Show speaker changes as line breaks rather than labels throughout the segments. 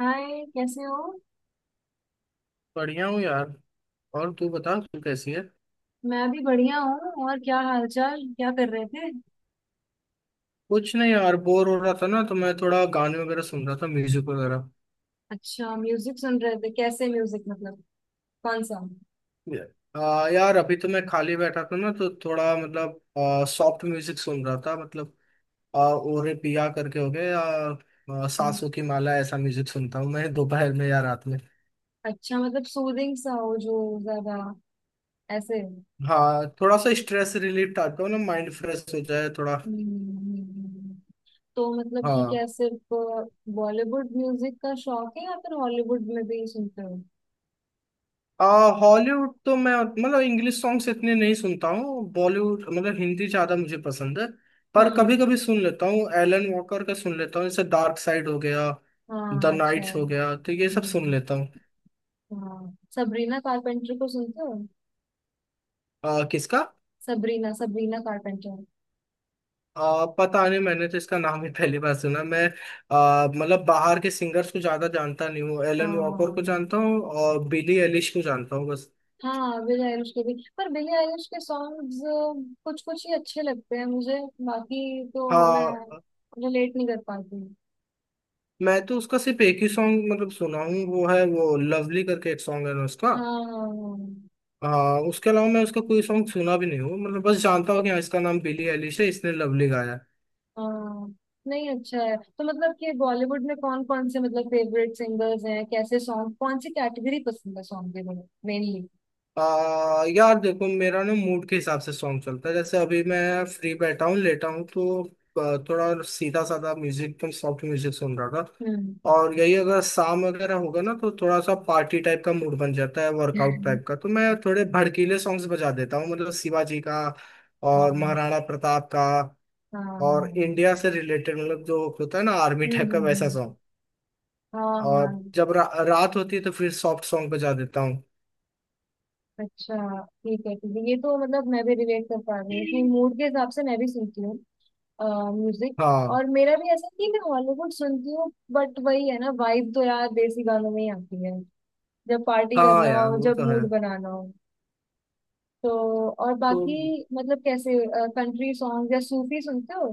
हाय, कैसे हो।
बढ़िया हूँ यार। और तू बता, तू कैसी है।
मैं भी बढ़िया हूँ। और क्या हालचाल, क्या कर रहे थे।
कुछ नहीं यार, बोर हो रहा था ना तो मैं थोड़ा गाने वगैरह सुन रहा था, म्यूजिक वगैरह।
अच्छा, म्यूजिक सुन रहे थे। कैसे म्यूजिक, मतलब कौन सा।
यार अभी तो मैं खाली बैठा था ना तो थोड़ा मतलब सॉफ्ट म्यूजिक सुन रहा था मतलब। ओरे पिया करके हो गए या,
हम्म।
सांसों की माला ऐसा म्यूजिक सुनता हूँ मैं दोपहर में या रात में।
अच्छा, मतलब सूदिंग सा हो, जो ज्यादा ऐसे।
हाँ थोड़ा सा स्ट्रेस रिलीफ टाइप का हो ना, माइंड फ्रेश हो जाए थोड़ा।
हम्म। तो मतलब कि
हाँ।
क्या सिर्फ बॉलीवुड म्यूजिक का शौक है या फिर हॉलीवुड में भी सुनते हो।
आ, हॉलीवुड तो मैं मतलब इंग्लिश सॉन्ग्स इतने नहीं सुनता हूँ, बॉलीवुड मतलब हिंदी ज्यादा मुझे पसंद है। पर
हम्म।
कभी कभी सुन लेता हूँ, एलन वॉकर का सुन लेता हूँ, जैसे डार्क साइड हो गया, द
हाँ अच्छा
नाइट्स
है।
हो गया, तो ये सब सुन
हम्म।
लेता हूँ।
हाँ, सबरीना कारपेंटर को सुनते हो।
किसका?
Sabrina Sabrina carpenter.
पता नहीं, मैंने तो इसका नाम ही पहली बार सुना। मैं मतलब बाहर के सिंगर्स को ज्यादा जानता नहीं हूँ, एलन वॉकर को
हाँ।
जानता हूँ और बिली एलिश को जानता हूँ बस।
हाँ बिली आइलिश के भी, पर बिली आइलिश के सॉन्ग्स कुछ कुछ ही अच्छे लगते हैं मुझे। बाकी तो मैं
हाँ,
रिलेट नहीं कर पाती हूँ।
मैं तो उसका सिर्फ एक ही सॉन्ग मतलब सुना हूँ, वो है वो लवली करके एक सॉन्ग है ना उसका।
हाँ हाँ
हाँ उसके अलावा मैं उसका कोई सॉन्ग सुना भी नहीं हूँ, मतलब बस जानता हूँ कि हाँ इसका नाम बिली एलिश है, इसने लवली गाया है।
हाँ। हाँ। नहीं अच्छा है। तो मतलब कि बॉलीवुड में कौन कौन से मतलब फेवरेट सिंगर्स हैं, कैसे सॉन्ग, कौन सी कैटेगरी पसंद है सॉन्ग के लिए मेनली।
यार देखो, मेरा ना मूड के हिसाब से सॉन्ग चलता है। जैसे अभी मैं फ्री बैठा हूँ, लेटा हूँ, तो थोड़ा सीधा साधा म्यूजिक तो सॉफ्ट म्यूजिक सुन रहा
हम्म।
था। और यही अगर शाम वगैरह होगा ना तो थोड़ा सा पार्टी टाइप का मूड बन जाता है, वर्कआउट टाइप का, तो मैं थोड़े भड़कीले सॉन्ग्स बजा देता हूँ, मतलब शिवाजी का और
हाँ।
महाराणा प्रताप का।
हाँ हाँ।
और इंडिया से रिलेटेड मतलब जो होता है ना आर्मी
हम्म।
टाइप का, वैसा।
हाँ
और
हाँ।
रात होती है तो फिर सॉफ्ट सॉन्ग बजा देता हूँ।
अच्छा, ठीक है ठीक है। ये तो मतलब मैं भी रिलेट कर पा रही हूँ कि मूड के हिसाब से मैं भी सुनती हूँ म्यूजिक।
हाँ।
और मेरा भी ऐसा नहीं है, मैं हॉलीवुड सुनती हूँ, बट वही है ना, वाइब तो यार देसी गानों में ही आती है। जब पार्टी
हाँ
करना
यार
हो,
वो
जब
तो है।
मूड बनाना हो, तो। और
तो
बाकी मतलब कैसे कंट्री सॉन्ग या सूफी सुनते हो।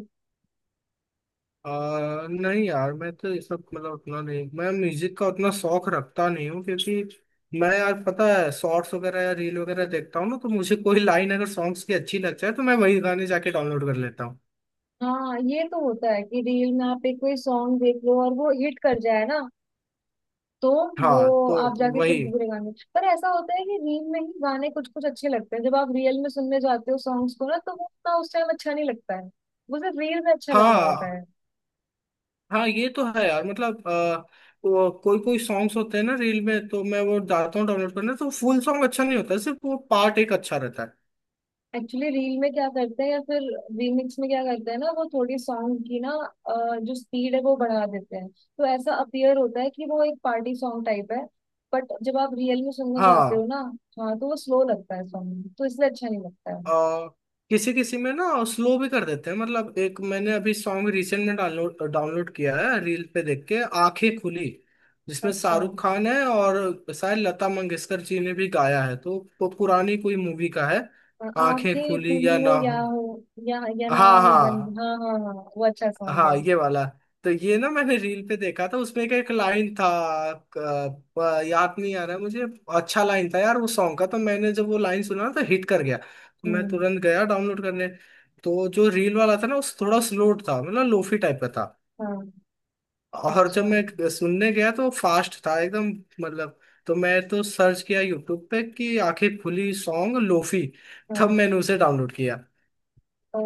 नहीं यार, मैं तो ये सब मतलब उतना नहीं, मैं म्यूजिक का उतना शौक रखता नहीं हूँ, क्योंकि मैं यार पता है शॉर्ट्स वगैरह या रील वगैरह देखता हूँ ना, तो मुझे कोई लाइन अगर सॉन्ग्स की अच्छी लग जाए तो मैं वही गाने जाके डाउनलोड कर लेता हूँ।
हाँ, ये तो होता है कि रील में आप एक कोई सॉन्ग देख लो और वो हिट कर जाए ना, तो वो
हाँ तो
आप जाके फिर
वही।
पूरे गाने पर, ऐसा होता है कि रील में ही गाने कुछ कुछ अच्छे लगते हैं, जब आप रियल में सुनने जाते हो सॉन्ग्स को ना, तो वो उतना उस टाइम अच्छा नहीं लगता है। वो सिर्फ रील में अच्छा लग रहा होता
हाँ
है।
हाँ ये तो है यार, मतलब वो कोई कोई सॉन्ग्स होते हैं ना रील में, तो मैं वो डालता हूँ डाउनलोड करना, तो फुल सॉन्ग अच्छा नहीं होता, सिर्फ वो पार्ट एक अच्छा रहता है।
एक्चुअली रील में क्या करते हैं या फिर रीमिक्स में क्या करते हैं ना, वो थोड़ी सॉन्ग की ना, अ, जो स्पीड है वो बढ़ा देते हैं, तो ऐसा अपियर होता है कि वो एक पार्टी सॉन्ग टाइप है। बट जब आप रियल में सुनने जाते हो
हाँ।
ना, हाँ, तो वो स्लो लगता है सॉन्ग, तो इसलिए अच्छा नहीं लगता है।
आ, किसी किसी में ना स्लो भी कर देते हैं। मतलब एक मैंने अभी सॉन्ग रिसेंट में डाउनलोड डाउनलोड किया है, रील पे देख के, आंखें खुली, जिसमें
अच्छा,
शाहरुख खान है और शायद लता मंगेशकर जी ने भी गाया है, तो वो पुरानी कोई मूवी का है, आंखें
आंखें
खुली
खुली
या ना
हो या
हो।
हो, या ना
हाँ
हो बंद।
हाँ।
हाँ हाँ हाँ, वो अच्छा सॉन्ग है।
हाँ ये वाला। तो ये ना मैंने रील पे देखा था, उसमें का एक लाइन था, याद नहीं आ रहा मुझे। अच्छा लाइन था यार वो सॉन्ग का, तो मैंने जब वो लाइन सुना ना, तो हिट कर गया, तो मैं
हम्म।
तुरंत गया डाउनलोड करने। तो जो रील वाला था ना उस थोड़ा स्लो था, मतलब लोफी टाइप का था।
हाँ
और जब
अच्छा।
मैं सुनने गया तो फास्ट था एकदम, मतलब। तो मैं तो सर्च किया यूट्यूब पे कि आंखें खुली सॉन्ग लोफी, तब
हाँ।
मैंने उसे डाउनलोड किया।
ओ,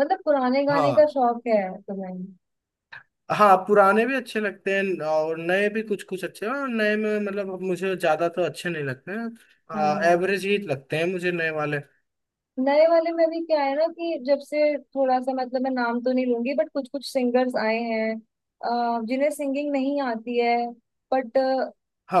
मतलब पुराने गाने का
हाँ
शौक है तुम्हें।
हाँ पुराने भी अच्छे लगते हैं और नए भी कुछ कुछ अच्छे हैं, और नए में मतलब मुझे ज्यादा तो अच्छे नहीं लगते हैं। हाँ,
हाँ।
एवरेज ही लगते हैं मुझे नए वाले।
नए वाले में भी क्या है ना कि जब से थोड़ा सा मतलब, मैं नाम तो नहीं लूंगी, बट कुछ कुछ सिंगर्स आए हैं, जिन्हें सिंगिंग नहीं आती है। बट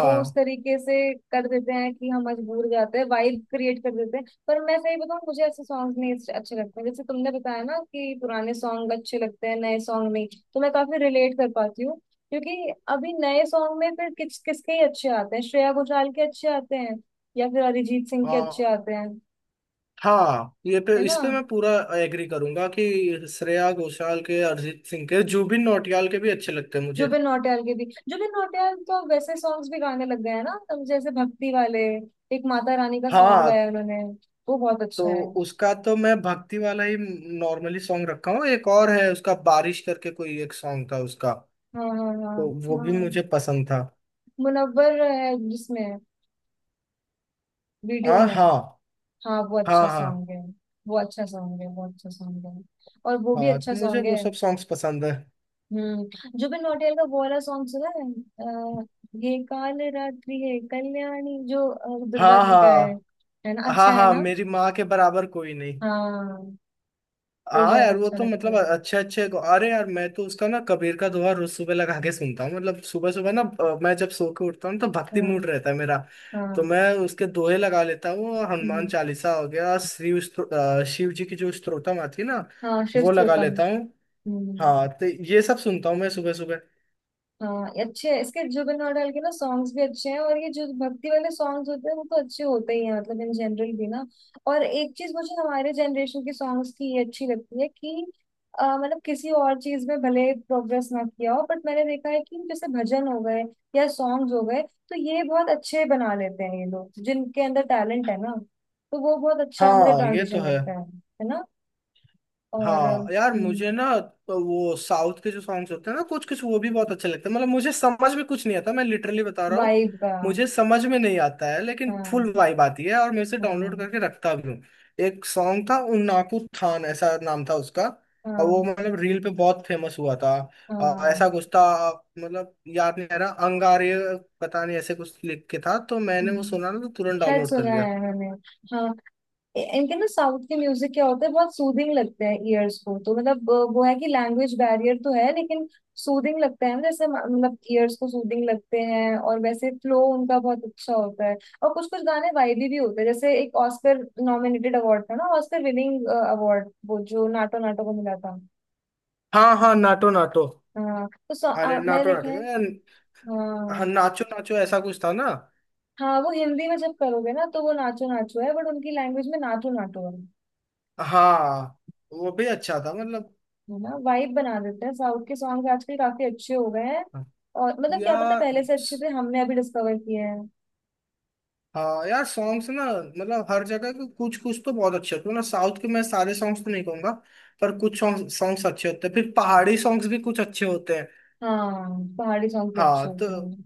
वो उस तरीके से कर देते हैं कि हम मजबूर हो जाते हैं, वाइब क्रिएट कर देते हैं, पर मैं सही बताऊं, मुझे ऐसे सॉन्ग नहीं अच्छे अच्छे लगते हैं। जैसे तुमने बताया ना कि पुराने सॉन्ग अच्छे लगते हैं नए सॉन्ग नहीं, तो मैं काफी रिलेट कर पाती हूँ। क्योंकि अभी नए सॉन्ग में फिर किस किसके ही अच्छे आते हैं, श्रेया घोषाल के अच्छे आते हैं या फिर अरिजीत सिंह के अच्छे
हाँ
आते हैं,
हाँ ये पे,
है ना।
इस पे मैं पूरा एग्री करूंगा कि श्रेया घोषाल के, अरिजीत सिंह के, जुबिन नौटियाल के भी अच्छे लगते हैं मुझे।
जुबिन नौटियाल के भी। जुबिन नौटियाल तो अब वैसे सॉन्ग्स भी गाने लग गए हैं ना, तो जैसे भक्ति वाले एक माता रानी का सॉन्ग
हाँ
गाया उन्होंने, वो बहुत
तो
अच्छा है।
उसका तो मैं भक्ति वाला ही नॉर्मली सॉन्ग रखा हूँ। एक और है उसका, बारिश करके कोई एक सॉन्ग था उसका,
हाँ हाँ हाँ।
तो वो भी
हाँ,
मुझे पसंद था।
मुनव्वर है जिसमें, वीडियो
हाँ
में।
हाँ।
हाँ वो
हाँ
अच्छा
हाँ।
सॉन्ग है। वो अच्छा सॉन्ग है। वो अच्छा सॉन्ग है और वो भी
हाँ
अच्छा
तो मुझे
सॉन्ग है।
वो सब सॉन्ग्स पसंद है।
हम्म। जुबिन नौटियाल का वो वाला सॉन्ग सुना है, अ, ये काल रात्रि है कल्याणी, जो दुर्गा
हाँ
जी का है।
हाँ
है ना,
हाँ।
अच्छा है
हाँ
ना।
मेरी माँ के बराबर कोई नहीं।
हाँ वो
हाँ
बहुत
यार वो
अच्छा
तो
लगता
मतलब
है।
अच्छे अच्छे। अरे यार मैं तो उसका ना कबीर का दोहा रोज सुबह लगा के सुनता हूँ। मतलब सुबह सुबह ना, मैं जब सो के उठता हूँ तो भक्ति
हाँ
मूड रहता है मेरा, तो
हाँ।
मैं उसके दोहे लगा लेता हूँ। हनुमान
हम्म,
चालीसा हो गया, शिव जी की जो स्त्रोतम आती है ना,
हाँ शिव
वो लगा
श्रुतम।
लेता हूँ। हाँ
हम्म।
तो ये सब सुनता हूँ मैं सुबह सुबह।
हाँ ये अच्छे हैं। इसके जुबिन नौटियाल के ना सॉन्ग्स भी अच्छे हैं, और ये जो भक्ति वाले सॉन्ग्स होते हैं वो तो अच्छे होते ही हैं, मतलब इन जनरल भी ना। और एक चीज मुझे हमारे जनरेशन के सॉन्ग्स की ये अच्छी लगती है कि मतलब किसी और चीज में भले प्रोग्रेस ना किया हो, बट मैंने देखा है कि जैसे भजन हो गए या सॉन्ग्स हो गए, तो ये बहुत अच्छे बना लेते हैं ये लोग जिनके अंदर टैलेंट है ना, तो वो बहुत अच्छा मुझे
हाँ ये तो
ट्रांजिशन
है।
लगता है ना। और
हाँ यार
हम्म।
मुझे ना तो वो साउथ के जो सॉन्ग्स होते हैं ना कुछ कुछ, वो भी बहुत अच्छे लगते हैं। मतलब मुझे समझ में कुछ नहीं आता, मैं लिटरली बता रहा हूँ,
वाइब, हाँ।
मुझे समझ में नहीं आता है, लेकिन फुल वाइब आती है और मैं इसे डाउनलोड
हाँ
करके रखता भी हूँ। एक सॉन्ग था उन्नाकू थान, ऐसा नाम था उसका, और वो
हाँ
मतलब रील पे बहुत फेमस हुआ था। ऐसा
हाँ।
कुछ था, मतलब याद नहीं आ रहा, अंगारे पता नहीं ऐसे कुछ लिख के था, तो मैंने वो
हम्म,
सुना ना तो तुरंत
शायद
डाउनलोड कर
सुना
लिया।
है मैंने। हाँ। इनके ना साउथ के म्यूजिक क्या होता है, बहुत सूदिंग लगते हैं ईयर्स को, तो मतलब वो है कि लैंग्वेज बैरियर तो है, लेकिन सूदिंग लगता है ना, जैसे मतलब ईयर्स को सूदिंग लगते हैं, और वैसे फ्लो उनका बहुत अच्छा होता है। और कुछ कुछ गाने वाइबी भी होते हैं, जैसे एक ऑस्कर नॉमिनेटेड अवार्ड था ना, ऑस्कर विनिंग अवार्ड, वो जो नाटो नाटो को मिला था।
हाँ हाँ नाटो नाटो।
हाँ तो
अरे
मैंने
नाटो
देखा है।
नाटो।
हाँ
हाँ नाचो नाचो ऐसा कुछ था ना।
हाँ, वो हिंदी में जब करोगे ना तो वो नाचो नाचो है, बट उनकी लैंग्वेज में नाटू नाटू है।
हाँ वो भी अच्छा था मतलब।
है ना, वाइब बना देते हैं। साउथ के सॉन्ग आजकल काफी अच्छे हो गए हैं, और मतलब क्या पता
यार,
पहले से अच्छे थे, हमने अभी डिस्कवर किए हैं।
हाँ यार सॉन्ग्स ना मतलब हर जगह के कुछ कुछ तो बहुत अच्छे होते हैं ना। साउथ के मैं सारे सॉन्ग्स तो नहीं कहूंगा, पर कुछ सॉन्ग्स अच्छे होते हैं। फिर पहाड़ी सॉन्ग्स भी कुछ अच्छे होते हैं।
हाँ पहाड़ी सॉन्ग भी
हाँ
अच्छे
तो
होते हैं।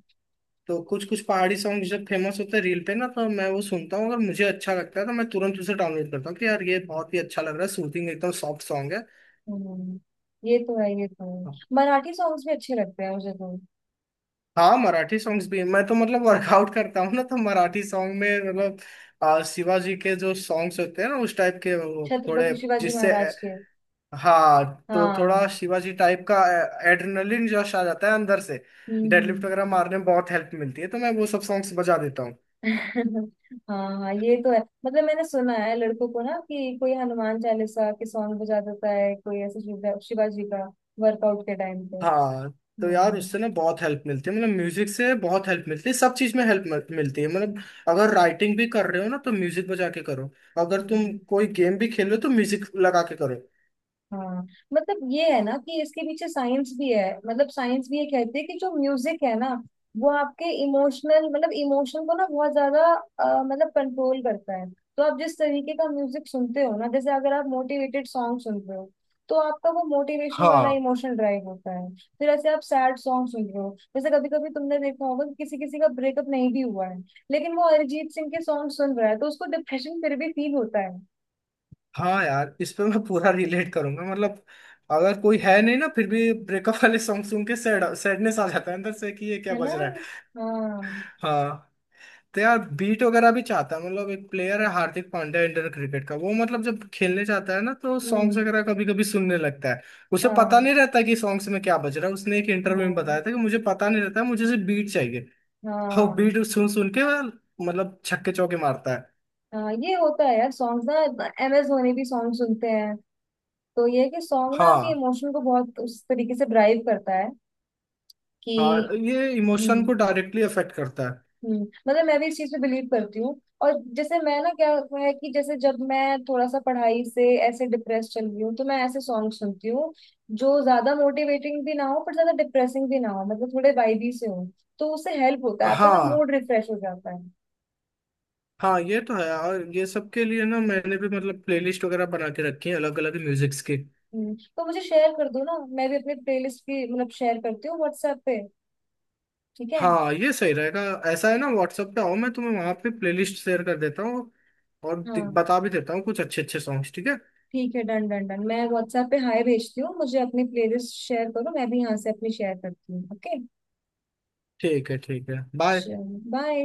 तो कुछ कुछ पहाड़ी सॉन्ग्स जब फेमस होते हैं रील पे ना तो मैं वो सुनता हूँ, अगर मुझे अच्छा लगता है तो मैं तुरंत उसे डाउनलोड करता हूँ कि यार ये बहुत ही अच्छा लग रहा है, सूथिंग एकदम, सॉफ्ट सॉन्ग है।
हम्म, ये तो है ये तो है। मराठी सॉन्ग्स भी अच्छे लगते हैं मुझे तो।
हाँ मराठी सॉन्ग्स भी, मैं तो मतलब वर्कआउट करता हूँ ना तो मराठी सॉन्ग में मतलब शिवाजी के जो सॉन्ग्स होते हैं ना उस टाइप के, वो थोड़े
छत्रपति शिवाजी
जिससे,
महाराज के।
हाँ। तो
हाँ
थोड़ा
हम्म।
शिवाजी टाइप का एड्रेनलिन जश आ जाता है अंदर से, डेडलिफ्ट
हम्म।
वगैरह मारने में बहुत हेल्प मिलती है, तो मैं वो सब सॉन्ग्स बजा देता हूँ।
हाँ हाँ, ये तो है। मतलब मैंने सुना है लड़कों को ना कि कोई हनुमान चालीसा के सॉन्ग बजा देता है, कोई ऐसे शिवा शिवाजी का, वर्कआउट के टाइम पे।
हाँ। तो यार
हम्म।
उससे ना बहुत हेल्प मिलती है, मतलब म्यूजिक से बहुत हेल्प मिलती है, सब चीज में हेल्प मिलती है मतलब। अगर राइटिंग भी कर रहे हो ना तो म्यूजिक बजा के करो, अगर
हम्म।
तुम कोई गेम भी खेल रहे हो तो म्यूजिक लगा के करो।
हाँ, मतलब ये है ना कि इसके पीछे साइंस भी है, मतलब साइंस भी ये कहती है कि जो म्यूजिक है ना, वो आपके इमोशनल मतलब इमोशन को ना बहुत ज्यादा मतलब कंट्रोल करता है। तो आप जिस तरीके का म्यूजिक सुनते हो ना, जैसे अगर आप मोटिवेटेड सॉन्ग सुनते हो, तो आपका वो मोटिवेशन वाला
हाँ।
इमोशन ड्राइव होता है। फिर ऐसे आप सैड सॉन्ग सुन रहे हो, जैसे कभी कभी तुमने देखा होगा कि किसी किसी का ब्रेकअप नहीं भी हुआ है, लेकिन वो अरिजीत सिंह के सॉन्ग सुन रहा है, तो उसको डिप्रेशन फिर भी फील होता है।
हाँ यार इस पे मैं पूरा रिलेट करूंगा, मतलब अगर कोई है नहीं ना फिर भी ब्रेकअप वाले सॉन्ग सुन के सैड, सैडनेस आ जाता है अंदर से कि ये क्या
है ना।
बज रहा है।
हाँ
हाँ। तो यार बीट वगैरह भी चाहता है। मतलब एक प्लेयर है, हार्दिक पांड्या, इंडियन क्रिकेट का, वो मतलब जब खेलने जाता है ना तो सॉन्ग्स
हम्म।
वगैरह कभी कभी सुनने लगता है। उसे पता
हाँ
नहीं रहता कि सॉन्ग्स में क्या बज रहा है, उसने एक इंटरव्यू में
हाँ
बताया था कि मुझे पता नहीं रहता, मुझे सिर्फ बीट चाहिए। और
हाँ।
बीट सुन सुन के वह मतलब छक्के चौके मारता है।
हाँ ये होता है यार, सॉन्ग्स ना। एमएस धोनी भी सॉन्ग सुनते हैं, तो ये है कि सॉन्ग ना आपके
हाँ।
इमोशन को बहुत उस तरीके से ड्राइव करता है कि।
हाँ ये इमोशन
हम्म
को डायरेक्टली अफेक्ट करता है।
हम्म, मतलब मैं भी इस चीज पे बिलीव करती हूँ। और जैसे मैं ना, क्या हुआ है कि जैसे जब मैं थोड़ा सा पढ़ाई से ऐसे डिप्रेस चल रही हूँ, तो मैं ऐसे सॉन्ग सुनती हूँ जो ज्यादा मोटिवेटिंग भी ना हो पर ज्यादा डिप्रेसिंग भी ना हो, मतलब थोड़े वाइबी से हो। तो उससे हेल्प होता है, आपका ना
हाँ।
मूड रिफ्रेश हो जाता है।
हाँ ये तो है। और ये सब के लिए ना मैंने भी मतलब प्लेलिस्ट वगैरह बना के रखी है, अलग अलग म्यूजिक्स की।
तो मुझे शेयर कर दो ना, मैं भी अपनी प्लेलिस्ट की मतलब शेयर करती हूँ व्हाट्सएप पे। ठीक है।
हाँ ये सही रहेगा। ऐसा है ना व्हाट्सएप पे आओ, मैं तुम्हें वहां पे प्लेलिस्ट शेयर कर देता हूँ, और
हाँ।
बता भी देता हूँ कुछ अच्छे अच्छे सॉन्ग्स, ठीक है।
ठीक है, डन डन डन। मैं व्हाट्सएप पे हाय भेजती हूँ, मुझे अपनी प्लेलिस्ट शेयर करो, मैं भी यहाँ से अपनी शेयर करती हूँ। ओके,
ठीक है ठीक है, बाय।
चलो, बाय।